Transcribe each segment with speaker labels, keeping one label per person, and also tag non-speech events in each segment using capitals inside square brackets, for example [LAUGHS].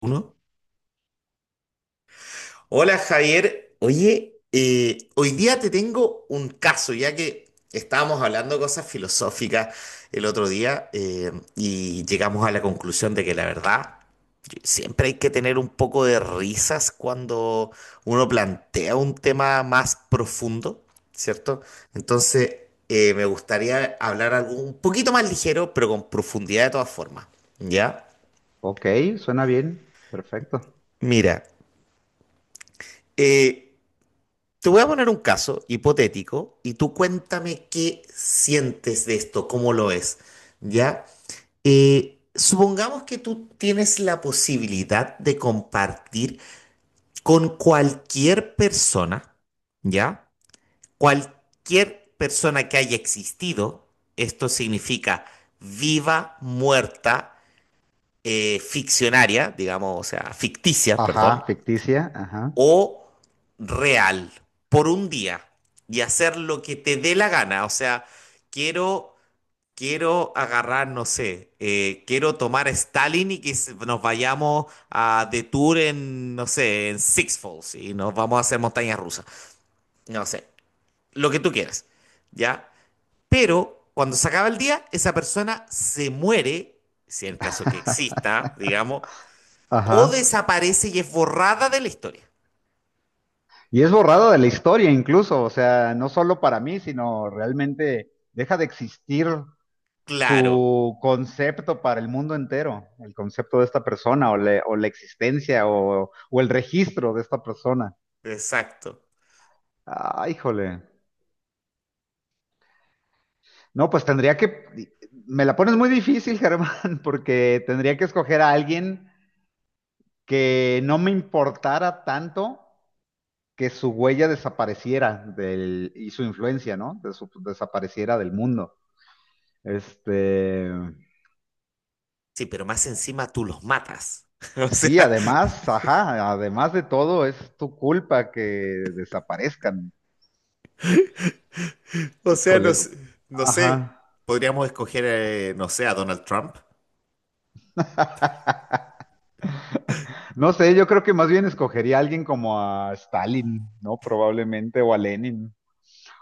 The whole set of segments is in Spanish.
Speaker 1: Uno. Hola Javier, oye, hoy día te tengo un caso, ya que estábamos hablando de cosas filosóficas el otro día y llegamos a la conclusión de que la verdad siempre hay que tener un poco de risas cuando uno plantea un tema más profundo, ¿cierto? Entonces, me gustaría hablar algo un poquito más ligero, pero con profundidad de todas formas, ¿ya?
Speaker 2: Ok, suena bien. Perfecto.
Speaker 1: Mira, eh, te voy a poner un caso hipotético y tú cuéntame qué sientes de esto, cómo lo es, ¿ya? Supongamos que tú tienes la posibilidad de compartir con cualquier persona, ¿ya? Cualquier persona que haya existido, esto significa viva, muerta, ficcionaria, digamos, o sea, ficticia, perdón,
Speaker 2: Ajá, ficticia. Ajá.
Speaker 1: o real por un día y hacer lo que te dé la gana. O sea, quiero, quiero agarrar, no sé, quiero tomar Stalin y que nos vayamos a de tour en, no sé, en Six Falls y nos vamos a hacer montañas rusas. No sé, lo que tú quieras, ¿ya? Pero cuando se acaba el día, esa persona se muere, si en el caso que exista, digamos,
Speaker 2: Ajá.
Speaker 1: o desaparece y es borrada de la historia.
Speaker 2: Y es borrada de la historia incluso, o sea, no solo para mí, sino realmente deja de existir
Speaker 1: Claro,
Speaker 2: su concepto para el mundo entero, el concepto de esta persona o la existencia o el registro de esta persona.
Speaker 1: exacto.
Speaker 2: Ah, híjole. No, pues tendría que... Me la pones muy difícil, [LAUGHS] Germán, porque tendría que escoger a alguien que no me importara tanto que su huella desapareciera del, y su influencia, ¿no? De su, desapareciera del mundo. Este,
Speaker 1: Sí, pero más encima tú los matas. [LAUGHS] O
Speaker 2: sí,
Speaker 1: sea,
Speaker 2: además, ajá, además de todo, es tu culpa que desaparezcan.
Speaker 1: o sea, no,
Speaker 2: Híjole.
Speaker 1: no sé.
Speaker 2: Ajá.
Speaker 1: Podríamos escoger, no sé, a Donald Trump.
Speaker 2: [LAUGHS] No sé, yo creo que más bien escogería a alguien como a Stalin, ¿no? Probablemente, o a Lenin,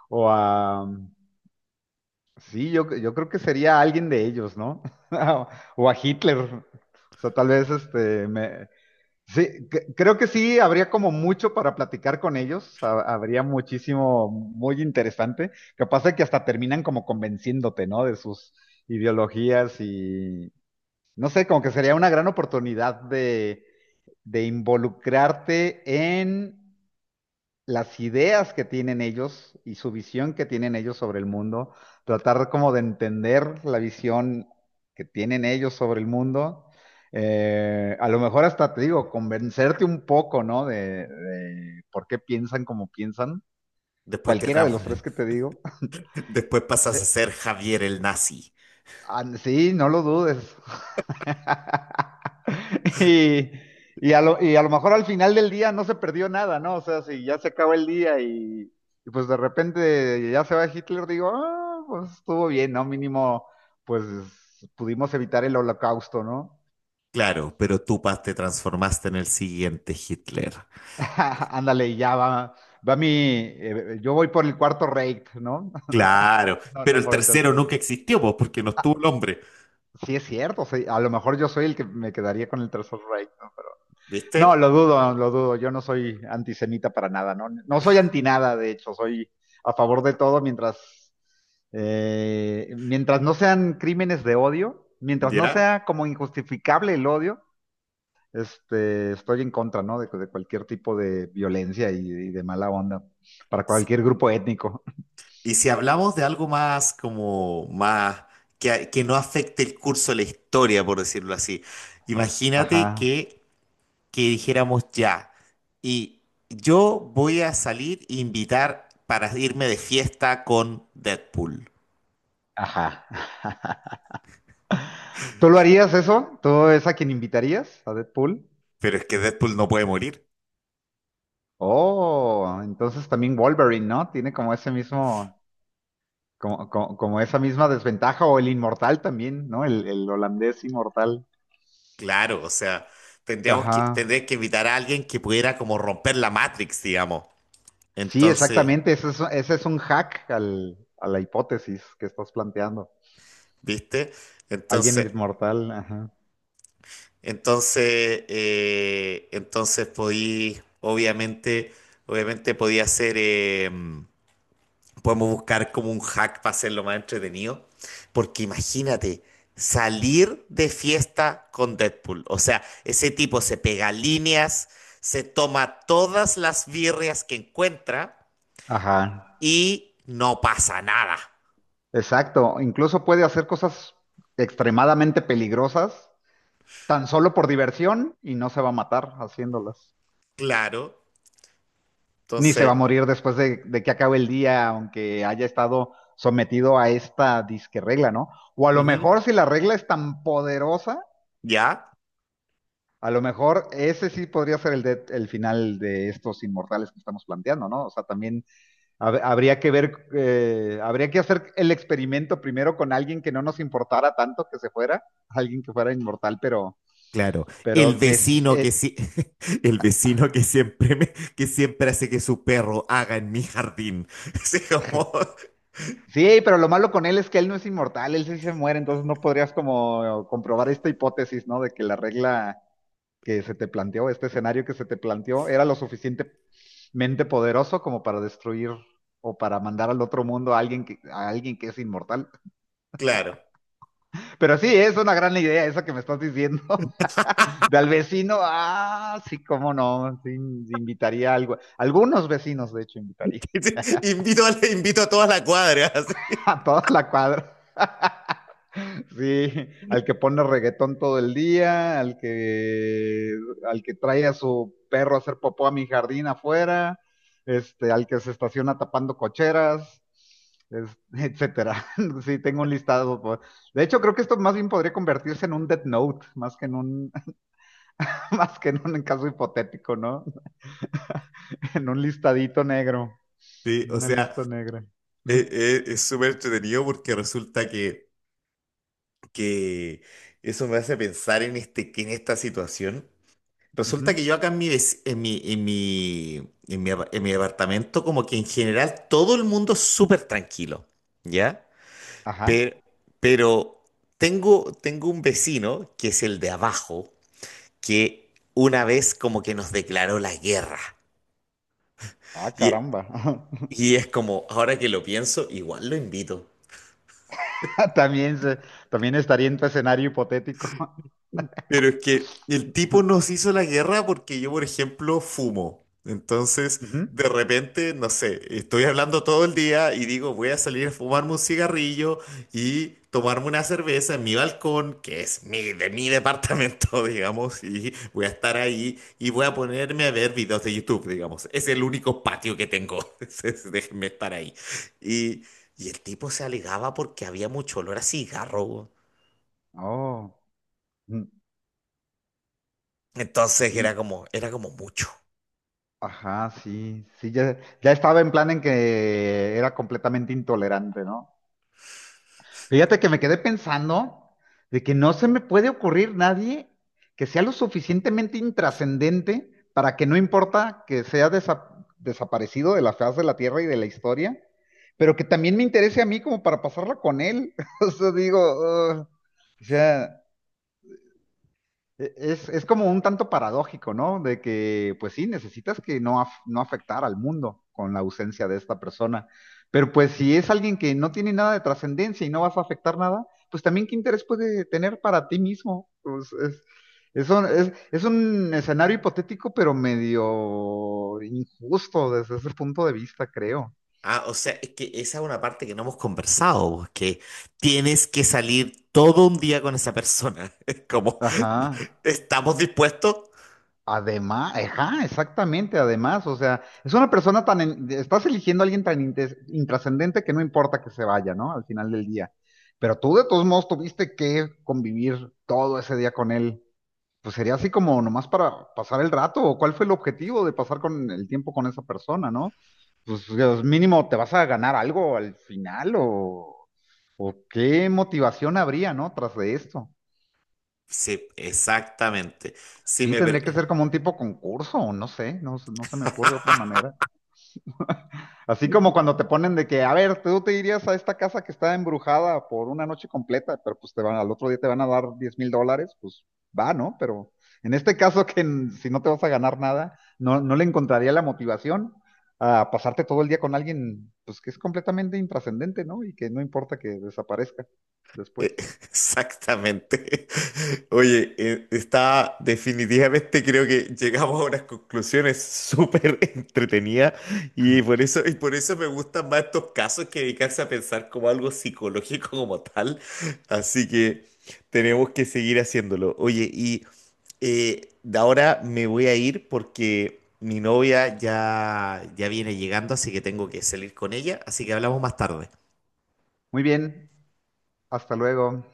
Speaker 2: o a... Sí, yo creo que sería alguien de ellos, ¿no? [LAUGHS] O a Hitler. O sea, tal vez este, me, sí, creo que sí, habría como mucho para platicar con ellos, habría muchísimo muy interesante, capaz de que hasta terminan como convenciéndote, ¿no? De sus ideologías y, no sé, como que sería una gran oportunidad de involucrarte en las ideas que tienen ellos y su visión que tienen ellos sobre el mundo, tratar como de entender la visión que tienen ellos sobre el mundo, a lo mejor hasta te digo, convencerte un poco, ¿no? De por qué piensan como piensan,
Speaker 1: Después te
Speaker 2: cualquiera de los tres
Speaker 1: tran-
Speaker 2: que te digo.
Speaker 1: [LAUGHS] después pasas a
Speaker 2: [LAUGHS]
Speaker 1: ser Javier el nazi.
Speaker 2: Ah, sí, no lo dudes. [LAUGHS] Y, y a lo mejor al final del día no se perdió nada, ¿no? O sea, si ya se acaba el día y pues de repente ya se va Hitler, digo, ah, pues estuvo bien, ¿no? Mínimo, pues pudimos evitar el holocausto, ¿no?
Speaker 1: Claro, pero tú te transformaste en el siguiente Hitler.
Speaker 2: [LAUGHS] Ándale, y ya va, va mi, yo voy por el cuarto rate, ¿no? [LAUGHS]
Speaker 1: Claro,
Speaker 2: No,
Speaker 1: pero
Speaker 2: no
Speaker 1: el
Speaker 2: por el
Speaker 1: tercero
Speaker 2: tercer.
Speaker 1: nunca existió, pues, porque no estuvo el
Speaker 2: Ah,
Speaker 1: hombre.
Speaker 2: sí es cierto, sí, a lo mejor yo soy el que me quedaría con el tercer rate, ¿no?
Speaker 1: ¿Viste?
Speaker 2: No, lo dudo, lo dudo. Yo no soy antisemita para nada, no, no soy anti nada, de hecho, soy a favor de todo mientras, mientras no sean crímenes de odio, mientras no
Speaker 1: ¿Ya?
Speaker 2: sea como injustificable el odio, este, estoy en contra, ¿no? De cualquier tipo de violencia y de mala onda para cualquier grupo étnico.
Speaker 1: Y si hablamos de algo más como más que no afecte el curso de la historia, por decirlo así, imagínate
Speaker 2: Ajá,
Speaker 1: que dijéramos ya. Y yo voy a salir e invitar para irme de fiesta con Deadpool.
Speaker 2: ajá. ¿Tú lo harías eso? ¿Tú es a quien invitarías a Deadpool?
Speaker 1: Pero es que Deadpool no puede morir.
Speaker 2: Oh, entonces también Wolverine, ¿no? Tiene como ese mismo. Como, como esa misma desventaja, o el inmortal también, ¿no? El holandés inmortal.
Speaker 1: Claro, o sea,
Speaker 2: Ajá.
Speaker 1: tendría que invitar a alguien que pudiera como romper la Matrix, digamos.
Speaker 2: Sí,
Speaker 1: Entonces,
Speaker 2: exactamente. Ese es un hack a la hipótesis que estás planteando.
Speaker 1: ¿viste?
Speaker 2: Alguien
Speaker 1: Entonces,
Speaker 2: inmortal, ajá.
Speaker 1: entonces, entonces podí, obviamente, obviamente podía ser... podemos buscar como un hack para hacerlo más entretenido. Porque imagínate, salir de fiesta con Deadpool. O sea, ese tipo se pega líneas, se toma todas las birrias que encuentra
Speaker 2: Ajá.
Speaker 1: y no pasa nada.
Speaker 2: Exacto. Incluso puede hacer cosas extremadamente peligrosas tan solo por diversión y no se va a matar haciéndolas.
Speaker 1: Claro.
Speaker 2: Ni se va
Speaker 1: Entonces,
Speaker 2: a morir después de que acabe el día, aunque haya estado sometido a esta disque regla, ¿no? O a lo
Speaker 1: ujú,
Speaker 2: mejor si la regla es tan poderosa,
Speaker 1: ¿ya?
Speaker 2: a lo mejor ese sí podría ser el final de estos inmortales que estamos planteando, ¿no? O sea, también habría que ver, habría que hacer el experimento primero con alguien que no nos importara tanto que se fuera, alguien que fuera inmortal,
Speaker 1: Claro, el
Speaker 2: pero que
Speaker 1: vecino que
Speaker 2: eh,
Speaker 1: sí, [LAUGHS] el vecino que que siempre hace que su perro haga en mi jardín. [LAUGHS] Así como,
Speaker 2: sí, pero lo malo con él es que él no es inmortal, él sí se muere, entonces no podrías como comprobar esta hipótesis, ¿no? De que la regla que se te planteó, este escenario que se te planteó, era lo suficientemente poderoso como para destruir o para mandar al otro mundo a alguien que es inmortal.
Speaker 1: claro.
Speaker 2: Pero sí, es una gran idea esa que me estás diciendo. [LAUGHS] De al vecino, ah, sí, cómo no, sí, invitaría a algo. Algunos vecinos, de hecho, invitaría
Speaker 1: [LAUGHS] Invito a toda la cuadra. [LAUGHS]
Speaker 2: [LAUGHS]
Speaker 1: así.
Speaker 2: a toda la cuadra. [LAUGHS] Sí, al que pone reggaetón todo el día, al que trae a su perro a hacer popó a mi jardín afuera, este, al que se estaciona tapando cocheras, etcétera. [LAUGHS] Sí, tengo un listado. De hecho, creo que esto más bien podría convertirse en un Death Note, más que en un, [LAUGHS] más que en un caso hipotético, ¿no? [LAUGHS] En un listadito negro,
Speaker 1: Sí,
Speaker 2: en
Speaker 1: o
Speaker 2: una
Speaker 1: sea,
Speaker 2: lista negra. [LAUGHS]
Speaker 1: es súper entretenido porque resulta que eso me hace pensar en, este, que en esta situación. Resulta
Speaker 2: Ujú.
Speaker 1: que yo acá en mi, vec- en mi, en mi, en mi, apa- en mi departamento, como que en general todo el mundo es súper tranquilo, ¿ya? Pero,
Speaker 2: Ajá.
Speaker 1: pero tengo un vecino, que es el de abajo, que una vez como que nos declaró la guerra.
Speaker 2: Ah, caramba. [LAUGHS]
Speaker 1: Y es como, ahora que lo pienso, igual lo invito.
Speaker 2: [LAUGHS] También, también estaría en tu escenario hipotético.
Speaker 1: Pero es que el tipo nos hizo la guerra porque yo, por ejemplo, fumo. Entonces,
Speaker 2: [LAUGHS] Ujú.
Speaker 1: de repente, no sé, estoy hablando todo el día y digo, voy a salir a fumarme un cigarrillo y tomarme una cerveza en mi balcón, que es de mi departamento, [LAUGHS] digamos, y voy a estar ahí y voy a ponerme a ver videos de YouTube, digamos. Es el único patio que tengo. [LAUGHS] Entonces, déjenme estar ahí. Y, y el tipo se alegaba porque había mucho olor a cigarro.
Speaker 2: Oh, mm,
Speaker 1: Entonces
Speaker 2: sí,
Speaker 1: era como mucho.
Speaker 2: ajá, sí, sí, ya, ya estaba en plan en que era completamente intolerante, ¿no? Fíjate que me quedé pensando de que no se me puede ocurrir nadie que sea lo suficientemente intrascendente para que no importa que sea desaparecido de la faz de la tierra y de la historia, pero que también me interese a mí como para pasarla con él. [LAUGHS] O sea, digo, "Ugh", o sea. Es como un tanto paradójico, ¿no? De que, pues sí, necesitas que no, no afectar al mundo con la ausencia de esta persona. Pero pues si es alguien que no tiene nada de trascendencia y no vas a afectar nada, pues también qué interés puede tener para ti mismo. Pues, es, es un escenario hipotético, pero medio injusto desde ese punto de vista, creo.
Speaker 1: Ah, o sea, es que esa es una parte que no hemos conversado, pues, que tienes que salir todo un día con esa persona. [LAUGHS] Es como,
Speaker 2: Ajá.
Speaker 1: [LAUGHS] ¿estamos dispuestos?
Speaker 2: Además, ajá, exactamente, además, o sea, es una persona tan, estás eligiendo a alguien tan intrascendente que no importa que se vaya, ¿no? Al final del día. Pero tú de todos modos tuviste que convivir todo ese día con él. Pues sería así como nomás para pasar el rato, o cuál fue el objetivo de pasar con el tiempo con esa persona, ¿no? Pues Dios, mínimo, ¿te vas a ganar algo al final o qué motivación habría, ¿no? Tras de esto.
Speaker 1: Sí, exactamente. Si
Speaker 2: Sí,
Speaker 1: me, pre-
Speaker 2: tendría que ser como un tipo concurso, o no sé, no, no se me ocurre otra manera. [LAUGHS] Así como cuando te ponen de que, a ver, tú te irías a esta casa que está embrujada por una noche completa, pero pues te van, al otro día te van a dar 10.000 dólares, pues va, ¿no? Pero en este caso que si no te vas a ganar nada, no, no le encontraría la motivación a pasarte todo el día con alguien, pues que es completamente intrascendente, ¿no? Y que no importa que desaparezca después.
Speaker 1: Eh, [LAUGHS] exactamente. [LAUGHS] Oye, está definitivamente creo que llegamos a unas conclusiones súper [LAUGHS] entretenidas y por eso me gustan más estos casos que dedicarse a pensar como algo psicológico como tal. Así que tenemos que seguir haciéndolo. Oye, y de ahora me voy a ir porque mi novia ya viene llegando, así que tengo que salir con ella, así que hablamos más tarde.
Speaker 2: Muy bien, hasta luego.